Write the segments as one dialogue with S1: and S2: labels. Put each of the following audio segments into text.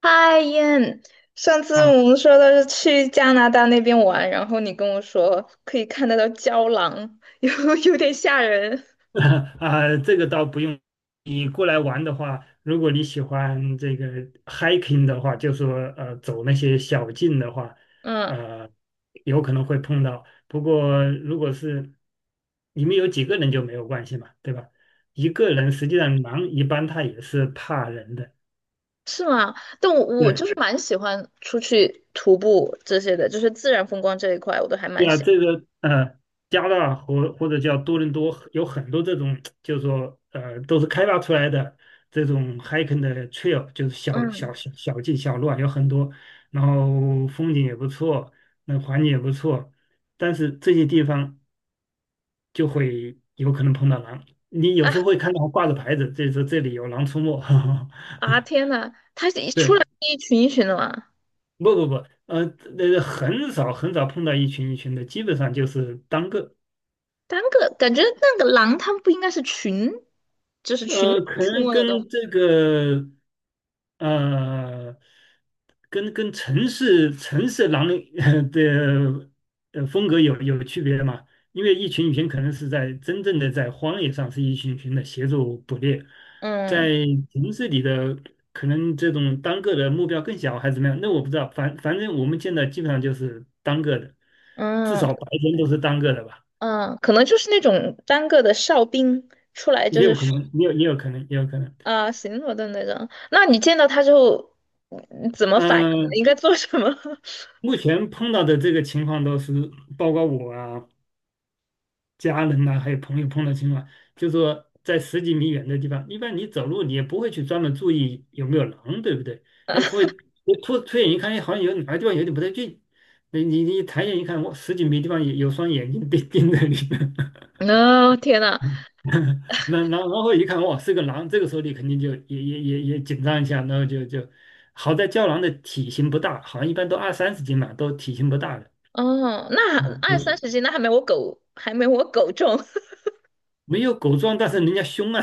S1: 嗨燕，上次
S2: 啊
S1: 我们说的是去加拿大那边玩，然后你跟我说可以看得到郊狼，有点吓人。
S2: 啊，这个倒不用。你过来玩的话，如果你喜欢这个 hiking 的话，就说走那些小径的话，
S1: 嗯，
S2: 呃，有可能会碰到。不过如果是你们有几个人就没有关系嘛，对吧？一个人实际上狼一般他也是怕人的，
S1: 是吗？但我
S2: 对。
S1: 就是蛮喜欢出去徒步这些的，就是自然风光这一块，我都还
S2: 对
S1: 蛮
S2: 啊，
S1: 喜欢。
S2: 这个加拿大或者叫多伦多有很多这种，就是说都是开发出来的这种 hiking 的 trail，就是小小
S1: 嗯。
S2: 小小径小路啊，有很多，然后风景也不错，那环境也不错，但是这些地方就会有可能碰到狼，你有时
S1: 啊
S2: 候会看到挂着牌子，这说这里有狼出没。
S1: 啊天呐，它是一出
S2: 对。
S1: 来一群一群的嘛。
S2: 不不不，呃，那个很少很少碰到一群一群的，基本上就是单个。
S1: 单个感觉那个狼它们不应该是群，就是群
S2: 可
S1: 出
S2: 能
S1: 没的动物。
S2: 跟这个呃，跟城市狼人 的风格有区别嘛？因为一群一群可能是在真正的在荒野上是一群一群的协助捕猎，在
S1: 嗯
S2: 城市里的可能这种单个的目标更小还是怎么样？那我不知道，反正我们见到基本上就是单个的，至
S1: 嗯。
S2: 少白天都是单个的吧，
S1: 嗯，可能就是那种单个的哨兵出来，就
S2: 也有可
S1: 是
S2: 能，也有可能，也有可能。
S1: 啊、巡逻的那种。那你见到他之后，怎么反应？
S2: 嗯。
S1: 应该做什么？
S2: 目前碰到的这个情况都是，包括我啊、家人呐、还有朋友碰到情况，就说在十几米远的地方，一般你走路你也不会去专门注意有没有狼，对不对？哎，会突然一看，哎，好像有哪个地方有点不太对劲，你抬眼一看，哇，十几米地方有双眼睛盯 盯着你。
S1: 哦，天呐。
S2: 那然后一看，哇，是个狼，这个时候你肯定就也紧张一下，然后就好在郊狼的体型不大，好像一般都二三十斤嘛，都体型不大的。
S1: 哦，那二三
S2: 嗯
S1: 十斤，那还没我狗重。
S2: 没有狗壮，但是人家凶啊。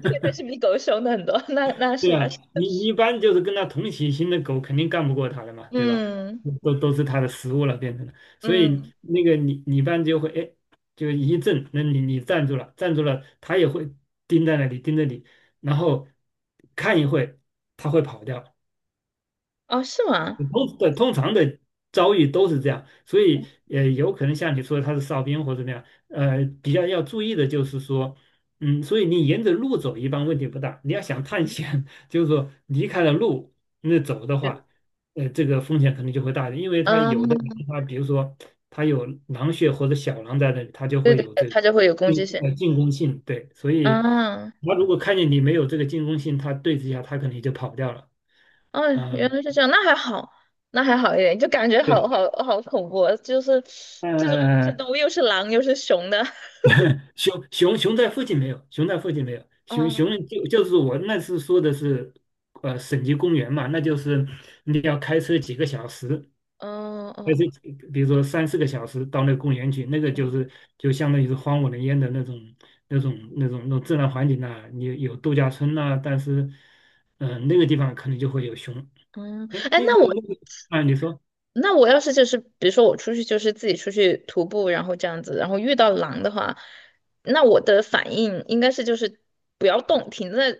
S1: 但是比狗凶的很多。那那
S2: 对
S1: 是的。
S2: 啊，你一般就是跟它同体型的狗，肯定干不过它的嘛，对吧？
S1: 嗯
S2: 都是它的食物了，变成了。所以
S1: 嗯。
S2: 那个你一般就会哎，就一震，那你站住了，站住了，它也会盯在那里盯着你，然后看一会，它会跑掉。
S1: 哦，是吗？
S2: 通常的遭遇都是这样，所以有可能像你说的他是哨兵或者怎么样，比较要注意的就是说，所以你沿着路走一般问题不大，你要想探险，就是说离开了路那走的话，这个风险可能就会大一点，因为它有的
S1: 嗯，
S2: 狼它比如说它有狼穴或者小狼在那里，它就
S1: 对
S2: 会
S1: 对
S2: 有
S1: 对，
S2: 这个
S1: 它就会有攻击
S2: 进
S1: 性。
S2: 呃进攻性，对，所以
S1: 嗯。
S2: 它如果看见你没有这个进攻性，它对峙一下它可能就跑掉了，
S1: 嗯，
S2: 啊、
S1: 原来是这样，那还好一点，就感觉好
S2: 对。
S1: 好好恐怖啊，就是这种野生
S2: 嗯，
S1: 动物又是狼又是熊的。
S2: 熊在附近没有，熊在附近没有，熊
S1: 哦。
S2: 就是我那次说的是，省级公园嘛，那就是你要开车几个小时，
S1: 哦
S2: 开
S1: 哦
S2: 车几比如说三四个小时到那个公园去，那个
S1: 哦。
S2: 就相当于是荒无人烟的那种自然环境呐、你有度假村呐，但是，那个地方可能就会有熊。
S1: 嗯。
S2: 哎，
S1: 哎，
S2: 那
S1: 那
S2: 个
S1: 我
S2: 那个啊，你说
S1: 那我要是就是比如说我出去就是自己出去徒步，然后这样子，然后遇到狼的话，那我的反应应该是就是不要动，停在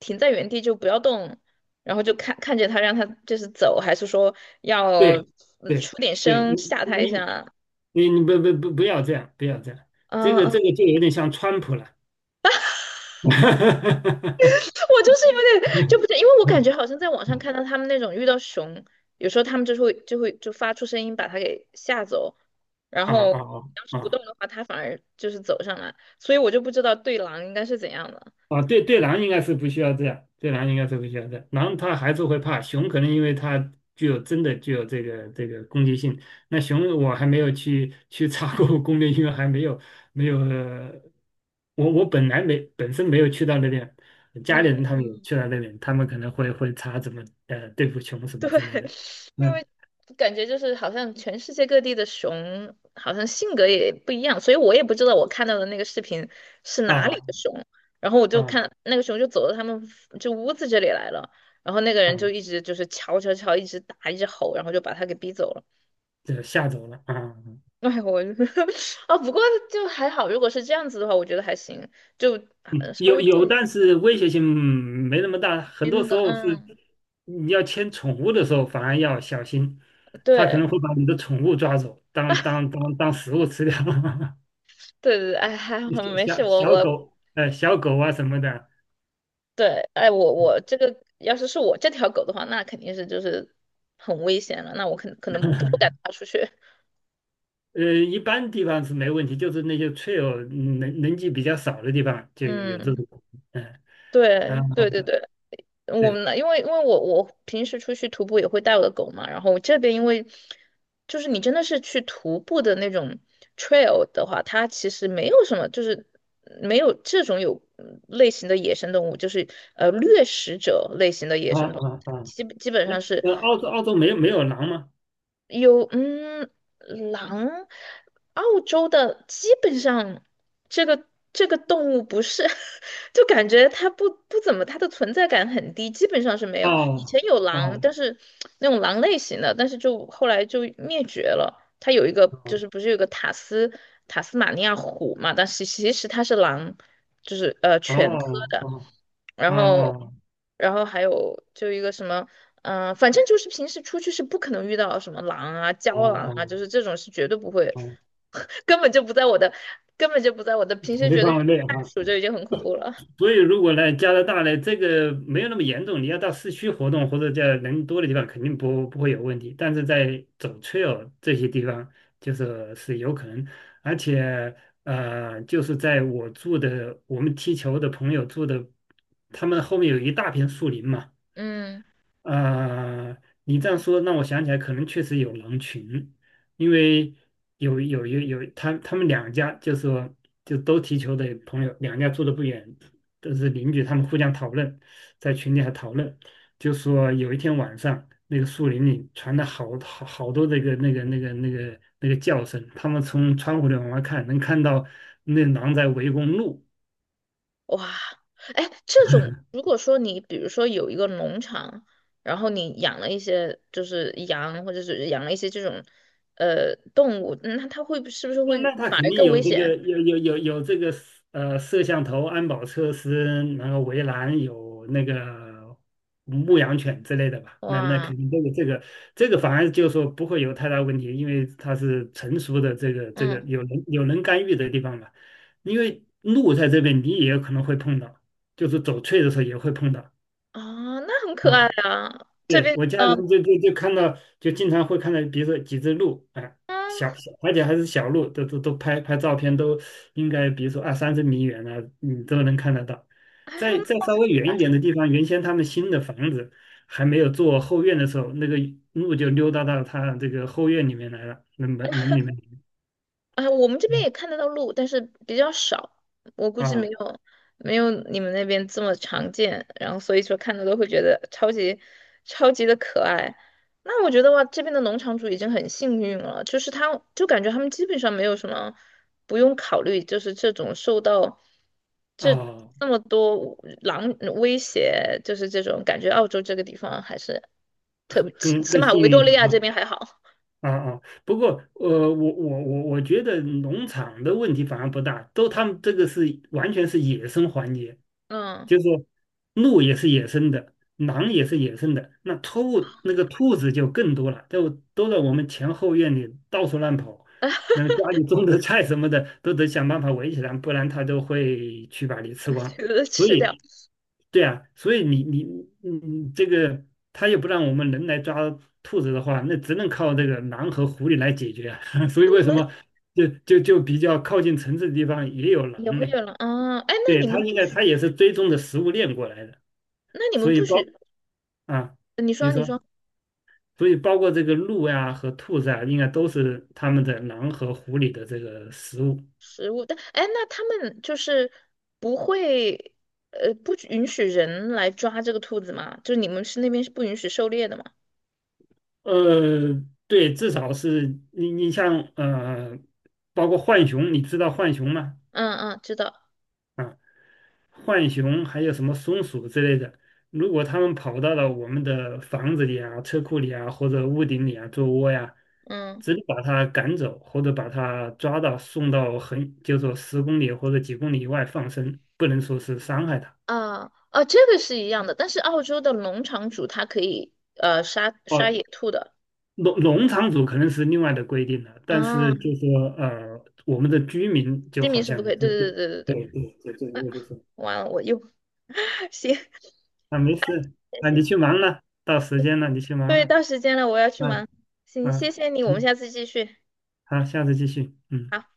S1: 停在原地就不要动，然后就看着它让它就是走，还是说要
S2: 对对
S1: 出点
S2: 对，
S1: 声吓它一
S2: 你你
S1: 下？
S2: 你不要这样，不要这样，这
S1: 嗯
S2: 个这
S1: 嗯。
S2: 个就有点像川普了。
S1: 我就是有点就不是，因为我感觉好像在网上看到他们那种遇到熊，有时候他们就会发出声音把它给吓走，然
S2: 啊
S1: 后
S2: 啊
S1: 要是
S2: 啊
S1: 不
S2: 啊！
S1: 动的话，它反而就是走上来，所以我就不知道对狼应该是怎样的。
S2: 啊，对，对狼应该是不需要这样，对狼应该是不需要这样。狼它还是会怕，熊可能因为它真的具有这个攻击性。那熊我还没有去查过 攻略，因为还没有，我本来没本身没有去到那边，
S1: 那
S2: 家
S1: 么，
S2: 里人他们也
S1: 嗯，
S2: 去到那边，他们可能会查怎么对付熊什么
S1: 对，
S2: 之类的。
S1: 因
S2: 嗯，
S1: 为感觉就是好像全世界各地的熊好像性格也不一样，所以我也不知道我看到的那个视频是哪里
S2: 啊
S1: 的熊。然后我就
S2: 啊
S1: 看那个熊就走到他们就屋子这里来了，然后那个
S2: 啊，
S1: 人就一直就是敲敲敲，一直打，一直吼，然后就把他给逼走了。
S2: 这吓走了啊。啊
S1: 哎，我 啊，不过就还好，如果是这样子的话，我觉得还行，就 啊
S2: 嗯，
S1: 稍
S2: 有
S1: 微注
S2: 有，
S1: 意
S2: 但是威胁性没那么大。很多
S1: 那
S2: 时
S1: 个，
S2: 候是
S1: 嗯，
S2: 你要牵宠物的时候，反而要小心，它可
S1: 对
S2: 能会把你的宠物抓走，当食物吃掉。
S1: 对对。哎，还好没
S2: 小
S1: 事，
S2: 小
S1: 我
S2: 小
S1: 我
S2: 狗，小狗啊什么的，
S1: 对。哎，我这个要是我这条狗的话，那肯定是就是很危险了，那我可能不敢踏出去。
S2: 一般地方是没问题，就是那些脆弱、人迹比较少的地方就
S1: 嗯。
S2: 有这 种，嗯、啊，
S1: 对对对对。我
S2: 对。
S1: 们呢，因为我平时出去徒步也会带我的狗嘛，然后这边因为就是你真的是去徒步的那种 trail 的话，它其实没有什么，就是没有这种有类型的野生动物，就是掠食者类型的野
S2: 啊
S1: 生动
S2: 啊
S1: 物，
S2: 啊，
S1: 基基本
S2: 那
S1: 上是。
S2: 澳洲没有狼吗？
S1: 有，嗯，狼，澳洲的基本上这个这个动物不是，就感觉它不怎么，它的存在感很低，基本上是没有。以前
S2: 哦
S1: 有狼，
S2: 哦
S1: 但是那种狼类型的，但是就后来就灭绝了。它有一个就是不
S2: 哦
S1: 是有个塔斯马尼亚虎嘛，但是其实它是狼，就是
S2: 哦
S1: 犬科的。
S2: 哦。
S1: 然
S2: 哦
S1: 后，
S2: 哦
S1: 然后还有就一个什么，反正就是平时出去是不可能遇到什么狼啊、
S2: 哦
S1: 郊狼啊，
S2: 哦
S1: 就是这种是绝对不会。
S2: 哦，
S1: 根本就不在我的，根本就不在我的。平
S2: 考
S1: 时
S2: 虑
S1: 觉得遇
S2: 范
S1: 到
S2: 围内
S1: 袋
S2: 哈。
S1: 鼠就已经很恐怖了。
S2: 所以如果来加拿大呢，这个没有那么严重，你要到市区活动或者在人多的地方，肯定不会有问题。但是在走 trail 这些地方，就是是有可能，而且就是在我住的我们踢球的朋友住的，他们后面有一大片树林嘛。
S1: 嗯。
S2: 呃，你这样说让我想起来，可能确实有狼群，因为有有有有，他们两家就是说就都踢球的朋友，两家住的不远，都是邻居，他们互相讨论，在群里还讨论，就说有一天晚上，那个树林里传来多那个叫声，他们从窗户里往外看，能看到那狼在围攻鹿。
S1: 哇。哎，这种如果说你比如说有一个农场，然后你养了一些就是羊或者是养了一些这种动物，那它会是不是
S2: 那
S1: 会
S2: 那他
S1: 反
S2: 肯
S1: 而
S2: 定
S1: 更
S2: 有
S1: 危
S2: 这个
S1: 险？
S2: 有有有有这个摄像头、安保措施，然后围栏有那个牧羊犬之类的吧？那
S1: 哇。
S2: 肯定这个反而就是说不会有太大问题，因为它是成熟的这个
S1: 嗯。
S2: 有人干预的地方嘛。因为路在这边你也有可能会碰到，就是走翠的时候也会碰到
S1: 啊，那很可
S2: 啊。
S1: 爱啊。这
S2: 对，
S1: 边，
S2: 我家人就看到，就经常会看到，比如说几只鹿，哎，
S1: 嗯，
S2: 小小，而且还是小鹿，都拍拍照片，都应该比如说二三十米远啊，你都能看得到。
S1: 还好
S2: 再
S1: 呢。
S2: 稍微远一点的地方，原先他们新的房子还没有做后院的时候，那个鹿就溜达到他这个后院里面来了，那门里面。
S1: 哎，我们这边
S2: 嗯
S1: 也看得到鹿，但是比较少，我估计没
S2: 啊
S1: 有你们那边这么常见。然后所以说看到都会觉得超级超级的可爱。那我觉得哇，这边的农场主已经很幸运了，就是他就感觉他们基本上没有什么不用考虑，就是这种受到这
S2: 啊，
S1: 这么多狼威胁，就是这种感觉澳洲这个地方还是。
S2: 更
S1: 起
S2: 更
S1: 码
S2: 幸
S1: 维
S2: 运
S1: 多
S2: 一
S1: 利
S2: 点
S1: 亚这边还好。
S2: 啊啊，不过我觉得农场的问题反而不大，都他们这个是完全是野生环节，
S1: 嗯。
S2: 就是说鹿也是野生的，狼也是野生的，那个兔子就更多了，都在我们前后院里到处乱跑，那么家里种的菜什么的都得想办法围起来，不然它都会去把你吃 光。
S1: 觉得
S2: 所
S1: 吃掉。
S2: 以对啊，所以你这个他又不让我们人来抓兔子的话，那只能靠这个狼和狐狸来解决啊。所以
S1: 你
S2: 为什
S1: 们
S2: 么就就就比较靠近城市的地方也有
S1: 也
S2: 狼
S1: 会
S2: 呢？
S1: 有人啊？哎，
S2: 对，它应该它也是追踪的食物链过来的，
S1: 那你们
S2: 所以
S1: 不许。
S2: 啊，
S1: 你
S2: 你
S1: 说你
S2: 说，
S1: 说
S2: 所以包括这个鹿呀和兔子啊，应该都是他们的狼和狐狸的这个食物。
S1: 食物，但哎，那他们就是不会，不许允许人来抓这个兔子吗？就是你们是那边是不允许狩猎的吗？
S2: 呃，对，至少是你像包括浣熊，你知道浣熊吗？
S1: 嗯嗯，知道。
S2: 啊，浣熊还有什么松鼠之类的，如果它们跑到了我们的房子里啊、车库里啊或者屋顶里啊做窝呀，
S1: 嗯。
S2: 直接把它赶走，或者把它抓到送到很，就说10公里或者几公里以外放生，不能说是伤害它。
S1: 啊啊，这个是一样的，但是澳洲的农场主他可以杀
S2: 哦，
S1: 野兔的。
S2: 农场主可能是另外的规定了，但
S1: 啊，
S2: 是就说我们的居民就
S1: 居民
S2: 好
S1: 是
S2: 像
S1: 不可以，对
S2: 就
S1: 对对对对
S2: 对
S1: 对。
S2: 对对对，
S1: 啊，
S2: 我就是
S1: 完了我又 行，
S2: 啊，没事啊，
S1: 谢
S2: 你
S1: 谢。
S2: 去忙了，到时间了，你去忙
S1: 对，
S2: 了，
S1: 到时间了，我要去
S2: 嗯、
S1: 忙。
S2: 啊
S1: 行，谢
S2: 嗯、
S1: 谢你，我们
S2: 行，
S1: 下次继续。
S2: 好，下次继续，嗯。
S1: 好。